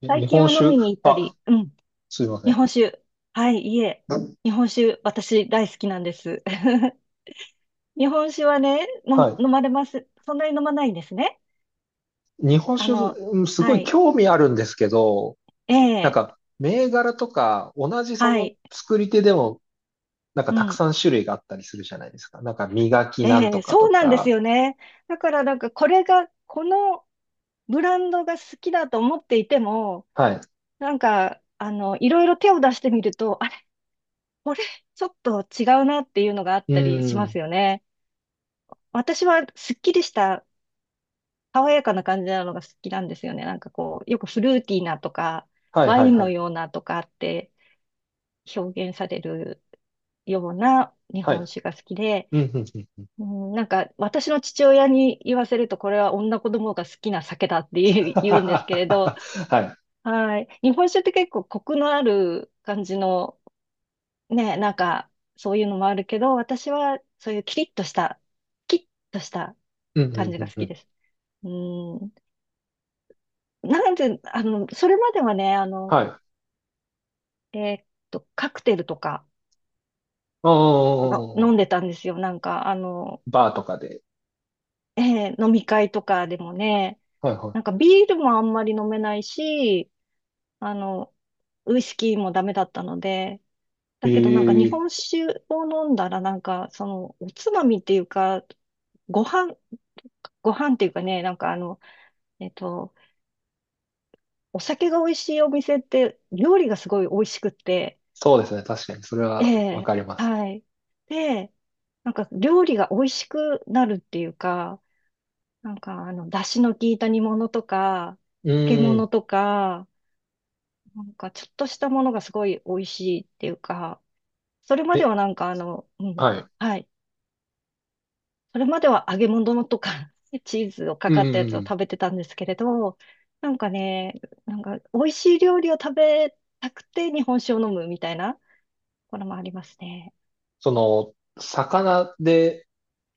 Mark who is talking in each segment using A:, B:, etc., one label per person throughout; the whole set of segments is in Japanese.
A: 最
B: 日
A: 近
B: 本
A: は飲み
B: 酒、
A: に行った
B: あ、
A: り、うん、
B: すいませ
A: 日
B: ん。
A: 本酒。はい、いえ、日本酒、私大好きなんです。日本酒はね、の
B: は
A: 飲まれます。そんなに飲まないんですね。
B: い。日本
A: あ
B: 酒、
A: の、
B: すご
A: は
B: い
A: い、
B: 興味あるんですけど、
A: え
B: なん
A: え、
B: か、銘柄とか、同じそ
A: は
B: の
A: い、
B: 作り手でも、なんか
A: う
B: たく
A: ん、
B: さん種類があったりするじゃないですか。なんか、磨きなん
A: え
B: と
A: え、
B: か
A: そ
B: と
A: うなんです
B: か。
A: よね。だからなんかこれが、このブランドが好きだと思っていても、
B: はい。
A: なんか、いろいろ手を出してみると、あれ、これ、ちょっと違うなっていうのがあっ
B: う
A: たりします
B: ん。
A: よね。私はすっきりした爽やかな感じなのが好きなんですよね。なんかこう、よくフルーティーなとか、
B: はい
A: ワ
B: はい
A: イン
B: は
A: の
B: い。
A: ようなとかって表現されるような日
B: は
A: 本
B: い。
A: 酒が好きで、
B: うんうんうん。
A: うん、なんか私の父親に言わせると、これは女子供が好きな酒だって言 う言うんですけれど、
B: は
A: はい。日本酒って結構コクのある感じの、ね、なんかそういうのもあるけど、私はそういうキリッとした、キッとした
B: い。うんう
A: 感
B: ん
A: じ
B: う
A: が
B: ん
A: 好
B: う
A: き
B: ん。
A: です。うん、なんで、それまではね、
B: はい。う
A: えーっカクテルとか
B: んう
A: が
B: んうんうん。
A: 飲んでたんですよ。なんか、
B: バーとかで。
A: 飲み会とかでもね、
B: はいは
A: なんかビールもあんまり飲めないし、あの、ウイスキーもダメだったので、
B: い。
A: だけどなんか日本
B: ええ、
A: 酒を飲んだらなんか、その、おつまみっていうか、ご飯、ご飯っていうかね、なんかえっと、お酒が美味しいお店って、料理がすごい美味しくって、
B: そうですね。確かに、それ
A: え
B: はわ
A: え、
B: かります。
A: はい。で、なんか料理が美味しくなるっていうか、なんか、出汁の効いた煮物とか、
B: う
A: 漬
B: ー
A: 物
B: ん。
A: とか、なんか、ちょっとしたものがすごい美味しいっていうか、それまで
B: え、
A: はなんか、
B: はい。
A: はい。それまでは揚げ物とか、チーズをか
B: うんう
A: か
B: ん
A: ったやつを
B: うん。
A: 食べてたんですけれど、なんかね、なんか、美味しい料理を食べたくて日本酒を飲むみたいな、これもありますね。
B: その、魚で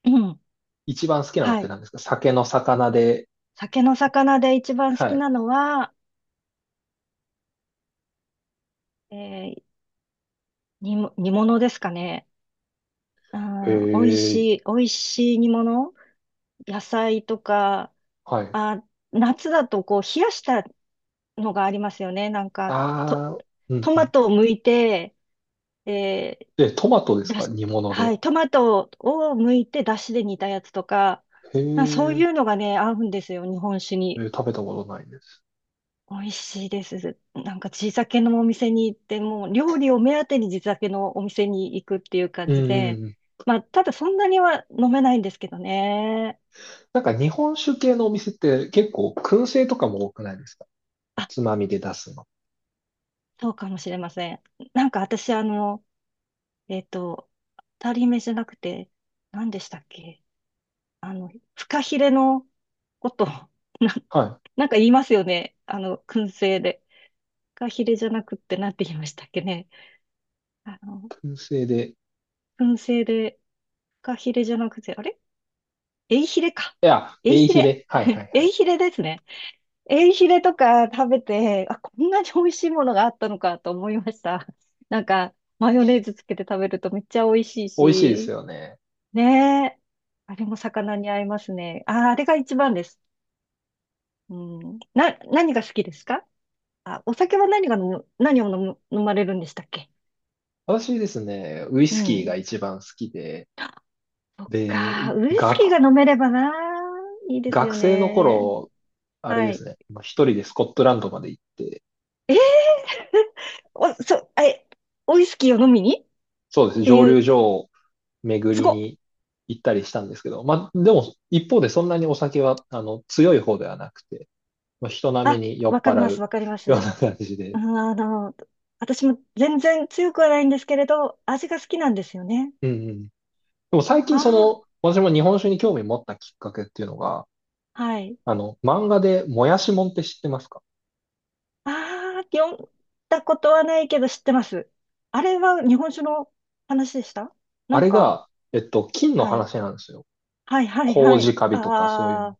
A: うん。
B: 一番好きなのっ
A: は
B: て
A: い。
B: 何ですか、酒の魚で。
A: 酒の魚で一番好
B: は
A: き
B: い。
A: なのは、えー、煮物ですかね。
B: へ
A: あー、美味
B: え。
A: しい、美味しい煮物、野菜とか、
B: はい。
A: あー、夏だとこう冷やしたのがありますよね。なんか、と、
B: ああ、うん
A: ト
B: う
A: マ
B: ん。
A: トを剥いて、え
B: え、トマトです
A: だ
B: か、
A: し、
B: 煮物
A: は
B: で。
A: い、トマトを剥いて出汁で煮たやつとか、
B: へ
A: あ、そうい
B: え、
A: うのがね、合うんですよ、日本酒に。
B: え食べたことないです。
A: 美味しいです。なんか地酒のお店に行って、もう料理を目当てに地酒のお店に行くっていう感
B: うん
A: じ
B: う
A: で、
B: んうん。
A: まあ、ただそんなには飲めないんですけどね。
B: なんか日本酒系のお店って結構燻製とかも多くないですか、おつまみで出すの。
A: そうかもしれません。なんか私、えっと、当たり目じゃなくて、何でしたっけ。あの、フカヒレのこと、
B: は
A: なんか言いますよね。燻製で。フカヒレじゃなくって、なんて言いましたっけね。あの、
B: い。燻製で。い
A: 燻製で、フカヒレじゃなくて、あれ、エイヒレか。
B: や、
A: エイ
B: エイ
A: ヒ
B: ヒ
A: レ、
B: レ。はいは い
A: エ
B: はい。
A: イヒレですね。エイヒレとか食べて、あ、こんなに美味しいものがあったのかと思いました。なんか、マヨネーズつけて食べるとめっちゃ美味しい
B: 美味しいです
A: し、
B: よね。
A: ねえ。あれも魚に合いますね。ああ、あれが一番です。うん。何が好きですか？あ、お酒は何が飲む、飲まれるんでしたっけ？
B: 私ですね、ウイ
A: う
B: スキーが
A: ん。
B: 一番好きで、
A: そっ
B: で、
A: か。ウイスキー
B: 学
A: が飲めればな。いいです
B: 学
A: よ
B: 生の
A: ね。
B: 頃、あれで
A: は
B: す
A: い。
B: ね、まあ一人でスコットランドまで行って、
A: え、お、そ、え、ウイスキーを飲みにっ
B: そうですね、
A: て
B: 蒸
A: いう、
B: 留所を巡
A: す
B: り
A: ごっ。
B: に行ったりしたんですけど、まあ、でも、一方でそんなにお酒は、あの、強い方ではなくて、まあ、人並
A: あ、
B: みに酔
A: わ
B: っ
A: かり
B: 払
A: ます、
B: う
A: わかりま
B: よう
A: す。
B: な感じ
A: う
B: で、
A: ん、私も全然強くはないんですけれど、味が好きなんですよね。
B: うんうん。でも最近そ
A: あ
B: の、私も日本酒に興味持ったきっかけっていうのが、
A: あ、はい。
B: あの、漫画でもやしもんって知ってますか？
A: ああ、読んだことはないけど知ってます。あれは日本酒の話でした？
B: あ
A: なん
B: れ
A: か、
B: が、金の
A: はい。
B: 話なんですよ。
A: はい、はい、はい。
B: 麹カビとかそういうの。
A: あ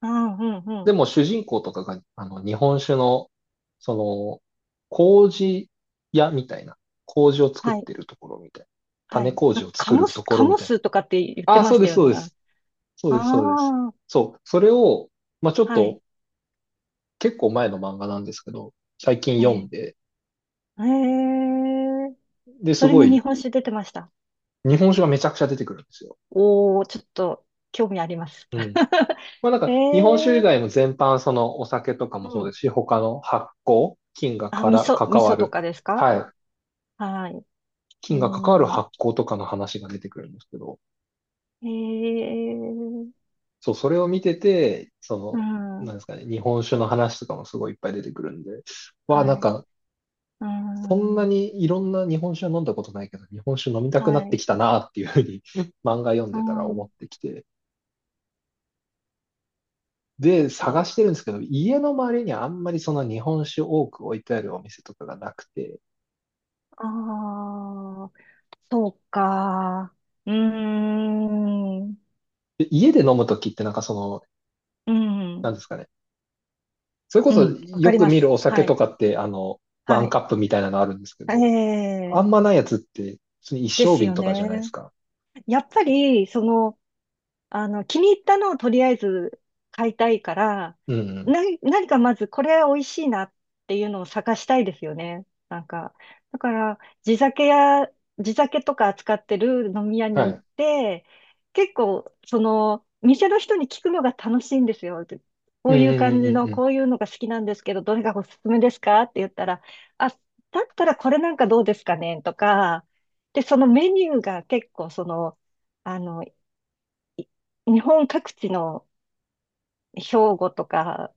A: あ、うん、うん、う
B: で
A: ん。
B: も主人公とかが、あの、日本酒の、その、麹屋みたいな、麹を作
A: は
B: っ
A: い、
B: てるところみたいな、
A: は
B: 種
A: い。な
B: 麹
A: ん
B: を
A: か
B: 作るとこ
A: カ
B: ろみ
A: モ
B: たい
A: スとかって言っ
B: な。あ
A: て
B: あ、
A: ま
B: そう
A: し
B: で
A: た
B: す、
A: よ
B: そうで
A: ね。
B: す。そうです、そうです。
A: ああ、
B: そう、それを、まあちょっ
A: は
B: と、
A: い。
B: 結構前の漫画なんですけど、最近
A: え
B: 読ん
A: え。
B: で、
A: ええ。
B: で、す
A: それ
B: ご
A: に日
B: い、
A: 本酒出てました。
B: 日本酒がめちゃくちゃ出てくるんですよ。
A: おー、ちょっと興味あります。
B: うん。まあなん
A: え
B: か、日本酒以
A: え。
B: 外も全般、そのお酒とか
A: う
B: もそうで
A: ん。
B: すし、他の発酵、菌が
A: あ、
B: から
A: 味
B: 関わ
A: 噌と
B: る、
A: かですか？
B: はい、
A: はい。う
B: 金が関わる
A: ん。
B: 発行とかの話が出てくるんですけど、
A: へえ、
B: そう、それを見てて、そ
A: う
B: の、な
A: ん、
B: んですかね、日本酒の話とかもすごいいっぱい出てくるんで、わあ、な
A: は
B: ん
A: い、
B: か、
A: う
B: そんな
A: ん、
B: にいろんな日本酒は飲んだことないけど、日本酒飲みた
A: は
B: くなって
A: い、
B: きたなっていうふうに 漫画読ん
A: う
B: でたら思っ
A: ん、
B: てきて、
A: ちょ
B: で、
A: っ
B: 探
A: と、
B: してるんですけど、家の周りにあんまりその日本酒多く置いてあるお店とかがなくて、
A: ああ、そうか、うーん、
B: で家で飲むときってなんかその、
A: う
B: なん
A: ん、
B: ですかね、それこ
A: う
B: そ
A: ん、わか
B: よ
A: り
B: く
A: ま
B: 見る
A: す。
B: お酒
A: は
B: と
A: い、
B: かって、あの、ワ
A: は
B: ン
A: い、
B: カップみたいなのあるんですけ
A: え
B: ど、あ
A: え、
B: んまないやつって、普通に
A: で
B: 一升
A: す
B: 瓶
A: よ
B: とかじゃないです
A: ね。
B: か。
A: やっぱり、その、気に入ったのをとりあえず買いたいから、
B: うんうん。
A: 何かまずこれ美味しいなっていうのを探したいですよね。なんか、だから、地酒とか扱ってる飲み屋に
B: は
A: 行っ
B: い。
A: て、結構、その、店の人に聞くのが楽しいんですよ。こ
B: うん
A: ういう
B: うんう
A: 感
B: ん
A: じ
B: うん
A: の、
B: うん。
A: こういうのが好きなんですけど、どれがおすすめですかって言ったら、あ、だったらこれなんかどうですかねとか、で、そのメニューが結構、その、あの、日本各地の兵庫とか、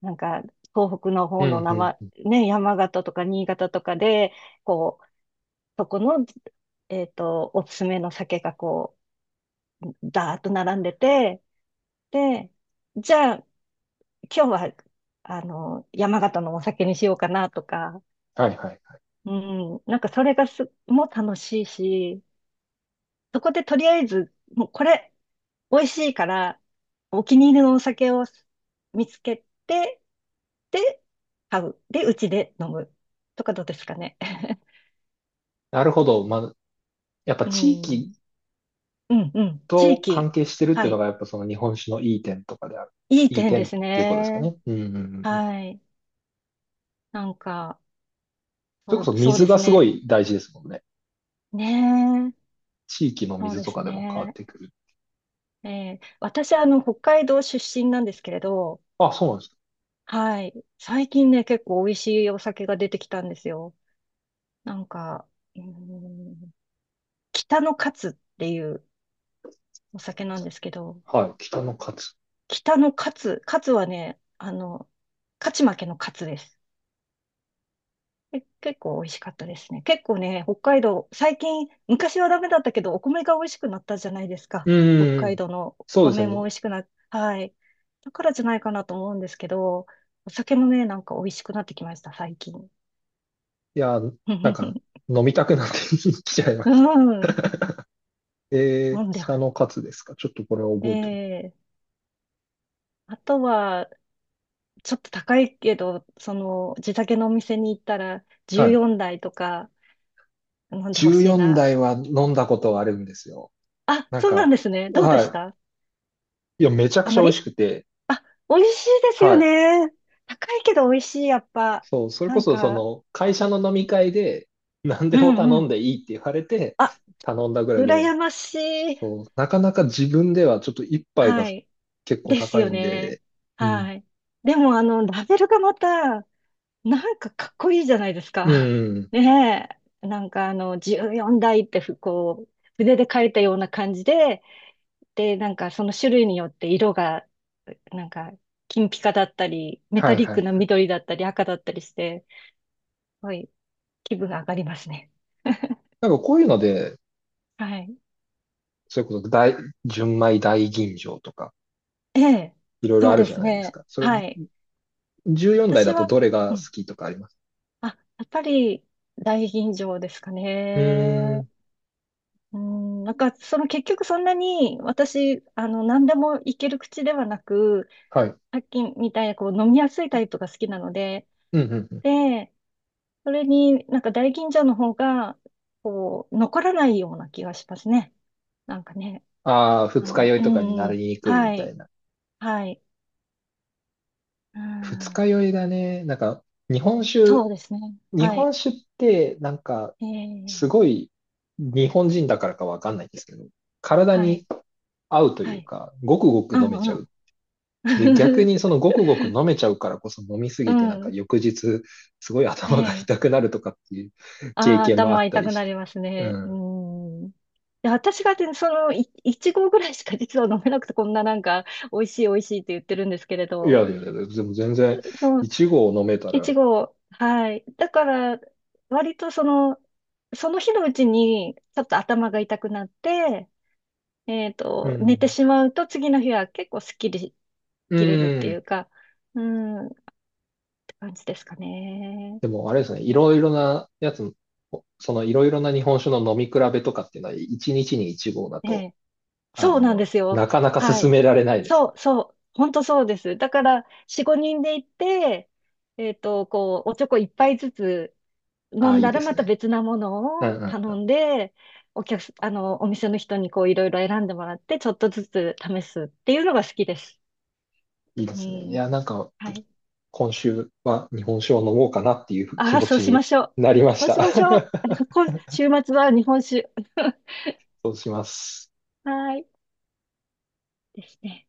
A: なんか東北の
B: う
A: 方の
B: ん
A: 生、
B: うん。
A: ね、山形とか新潟とかで、こう、そこの、おすすめの酒がこう、ダーッと並んでて、で、じゃあ今日は、山形のお酒にしようかなとか、
B: はいはいはい。
A: うん、なんかそれがも楽しいし、そこでとりあえず、もうこれ、美味しいから、お気に入りのお酒を見つけて、で、買う。で、うちで飲む、とかどうですかね。
B: なるほど。まあ、やっぱ
A: う
B: 地域
A: ん。うん、うん。地
B: と関
A: 域。
B: 係してるって
A: は
B: いうの
A: い。
B: が、やっぱその日本酒のいい点とかである。
A: いい
B: いい
A: 点で
B: 点っ
A: す
B: ていうことですか
A: ね。
B: ね。うんうんうんうん。
A: はい。なんか、
B: それ
A: そ
B: こ
A: う、
B: そ
A: そう
B: 水
A: で
B: が
A: す
B: すご
A: ね。
B: い大事ですもんね。
A: ねえ。
B: 地域の
A: そう
B: 水
A: で
B: と
A: す
B: かでも変わっ
A: ね。
B: てくる。
A: ええ、私、北海道出身なんですけれど、
B: あ、そうなんです
A: はい。最近ね、結構美味しいお酒が出てきたんですよ。なんか、うーん、北のカツっていうお酒なんですけど、
B: か。はい。北の勝つ。
A: 北のカツ、カツはね、勝ち負けのカツです。結構美味しかったですね。結構ね、北海道、最近、昔はダメだったけど、お米が美味しくなったじゃないですか。
B: うんう
A: 北
B: んう
A: 海
B: ん。
A: 道のお
B: そうですよ
A: 米
B: ね。
A: も美
B: い
A: 味しくな、はい。だからじゃないかなと思うんですけど、お酒もね、なんか美味しくなってきました、最近。
B: や、なん か
A: う
B: 飲みたくなって きちゃいました。
A: ん、
B: え
A: 飲
B: ー、
A: んでま
B: 北の
A: す。
B: 勝つですか。ちょっとこれを覚えて、
A: ええ、あとは、ちょっと高いけど、その、地酒のお店に行ったら、
B: はい。
A: 14台とか飲んでほしい
B: 14
A: な。
B: 代は飲んだことがあるんですよ。
A: あ、
B: なん
A: そうなん
B: か、
A: ですね。どうでし
B: は
A: た？
B: い。いや、めちゃく
A: あ
B: ちゃ
A: ま
B: 美味し
A: り、
B: くて、
A: あ、美味しいです
B: は
A: よ
B: い。
A: ね。高いけど美味しい、やっぱ。
B: そう、それ
A: な
B: こ
A: ん
B: そ、そ
A: か、
B: の、会社の飲み会で、何で
A: う
B: も
A: ん
B: 頼
A: う
B: ん
A: ん。
B: でいいって言われて、
A: あ、
B: 頼んだぐらいで、
A: 羨ましい。
B: そう、なかなか自分ではちょっと一杯が
A: はい。
B: 結構
A: です
B: 高
A: よ
B: いん
A: ね。
B: で、うん。
A: はい。でも、ラベルがまた、なんかかっこいいじゃないです
B: う
A: か。
B: ん。
A: ねえ。なんか、14代って、ふこう、筆で書いたような感じで、で、なんかその種類によって色が、なんか金ピカだったり、メ
B: は
A: タ
B: い
A: リ
B: は
A: ッ
B: いは
A: ク
B: い。
A: な緑だったり赤だったりして、すごい気分が上がりますね。
B: なんかこういうので、
A: はい。
B: それこそ大、純米大吟醸とか、
A: ええ、
B: いろいろ
A: そ
B: あ
A: う
B: る
A: で
B: じゃ
A: す
B: ないです
A: ね。
B: か。それ、
A: はい。
B: 14代
A: 私
B: だいだと
A: は、
B: どれが
A: う
B: 好
A: ん。
B: きとかあります？
A: あ、やっぱり大吟醸ですか
B: うー
A: ね。
B: ん。
A: うん、なんか、その結局そんなに私、何でもいける口ではなく、
B: はい、
A: さっきみたいなこう飲みやすいタイプが好きなので、
B: うんうんうん。
A: で、それになんか大吟醸の方が、こう、残らないような気がしますね。なんかね、
B: ああ、二日酔い
A: う
B: とかに
A: ん
B: な
A: うん、
B: りにくいみ
A: は
B: た
A: い、
B: いな。
A: はい、う
B: 二日
A: ん、
B: 酔いだね。なんか、日本
A: そ
B: 酒、
A: うですね。
B: 日
A: はい、
B: 本酒って、なんか、す
A: え
B: ご
A: え、
B: い、日本人だからかわかんないんですけど、体
A: は
B: に
A: い、
B: 合うとい
A: は
B: う
A: い、
B: か、ごくごく
A: う
B: 飲めち
A: ん
B: ゃ
A: うん。
B: う。で、逆にその ごくごく飲めちゃうからこそ飲みす
A: う
B: ぎて、なんか
A: ん、
B: 翌日、すごい頭が
A: ええ、
B: 痛くなるとかっていう 経
A: ああ、
B: 験もあっ
A: 頭
B: た
A: 痛
B: り
A: く
B: し
A: な
B: て。
A: ります
B: う
A: ね。う
B: ん。
A: ん。で、私がね、その、いち合ぐらいしか実は飲めなくて、こんななんか、美味しい美味しいって言ってるんですけれ
B: いや
A: ど、
B: いやいや、でも全然、
A: そう、
B: 一合飲めた
A: い
B: ら、
A: ちご、はい。だから、割とその、その日のうちに、ちょっと頭が痛くなって、
B: う
A: 寝て
B: ん。
A: しまうと、次の日は結構スッキリ
B: う
A: 切れるってい
B: ん。
A: うか、うん、って感じですかね。
B: でも、あれですね、いろいろなやつ、そのいろいろな日本酒の飲み比べとかっていうのは、1日に1合だ
A: え
B: と、
A: え。
B: あ
A: そうなんで
B: の、
A: すよ。
B: なかなか
A: は
B: 進
A: い。
B: められないです
A: そ
B: ね。
A: う、そう。本当そうです。だから、4、5人で行って、こう、おちょこ一杯ずつ飲
B: ああ、
A: ん
B: いい
A: だら
B: で
A: ま
B: す
A: た
B: ね。
A: 別なもの
B: うん
A: を
B: うん。
A: 頼んで、お客す、お店の人にこういろいろ選んでもらって、ちょっとずつ試すっていうのが好きです。
B: いいで
A: う
B: すね。い
A: ん。
B: や、なんか、
A: はい。
B: 今週は日本酒を飲もうかなっていう気
A: ああ、
B: 持
A: そう
B: ち
A: し
B: に
A: ましょう。
B: なりまし
A: そうし
B: た。
A: ましょう。こ週末は日本酒。
B: そうします。
A: はい。ですね。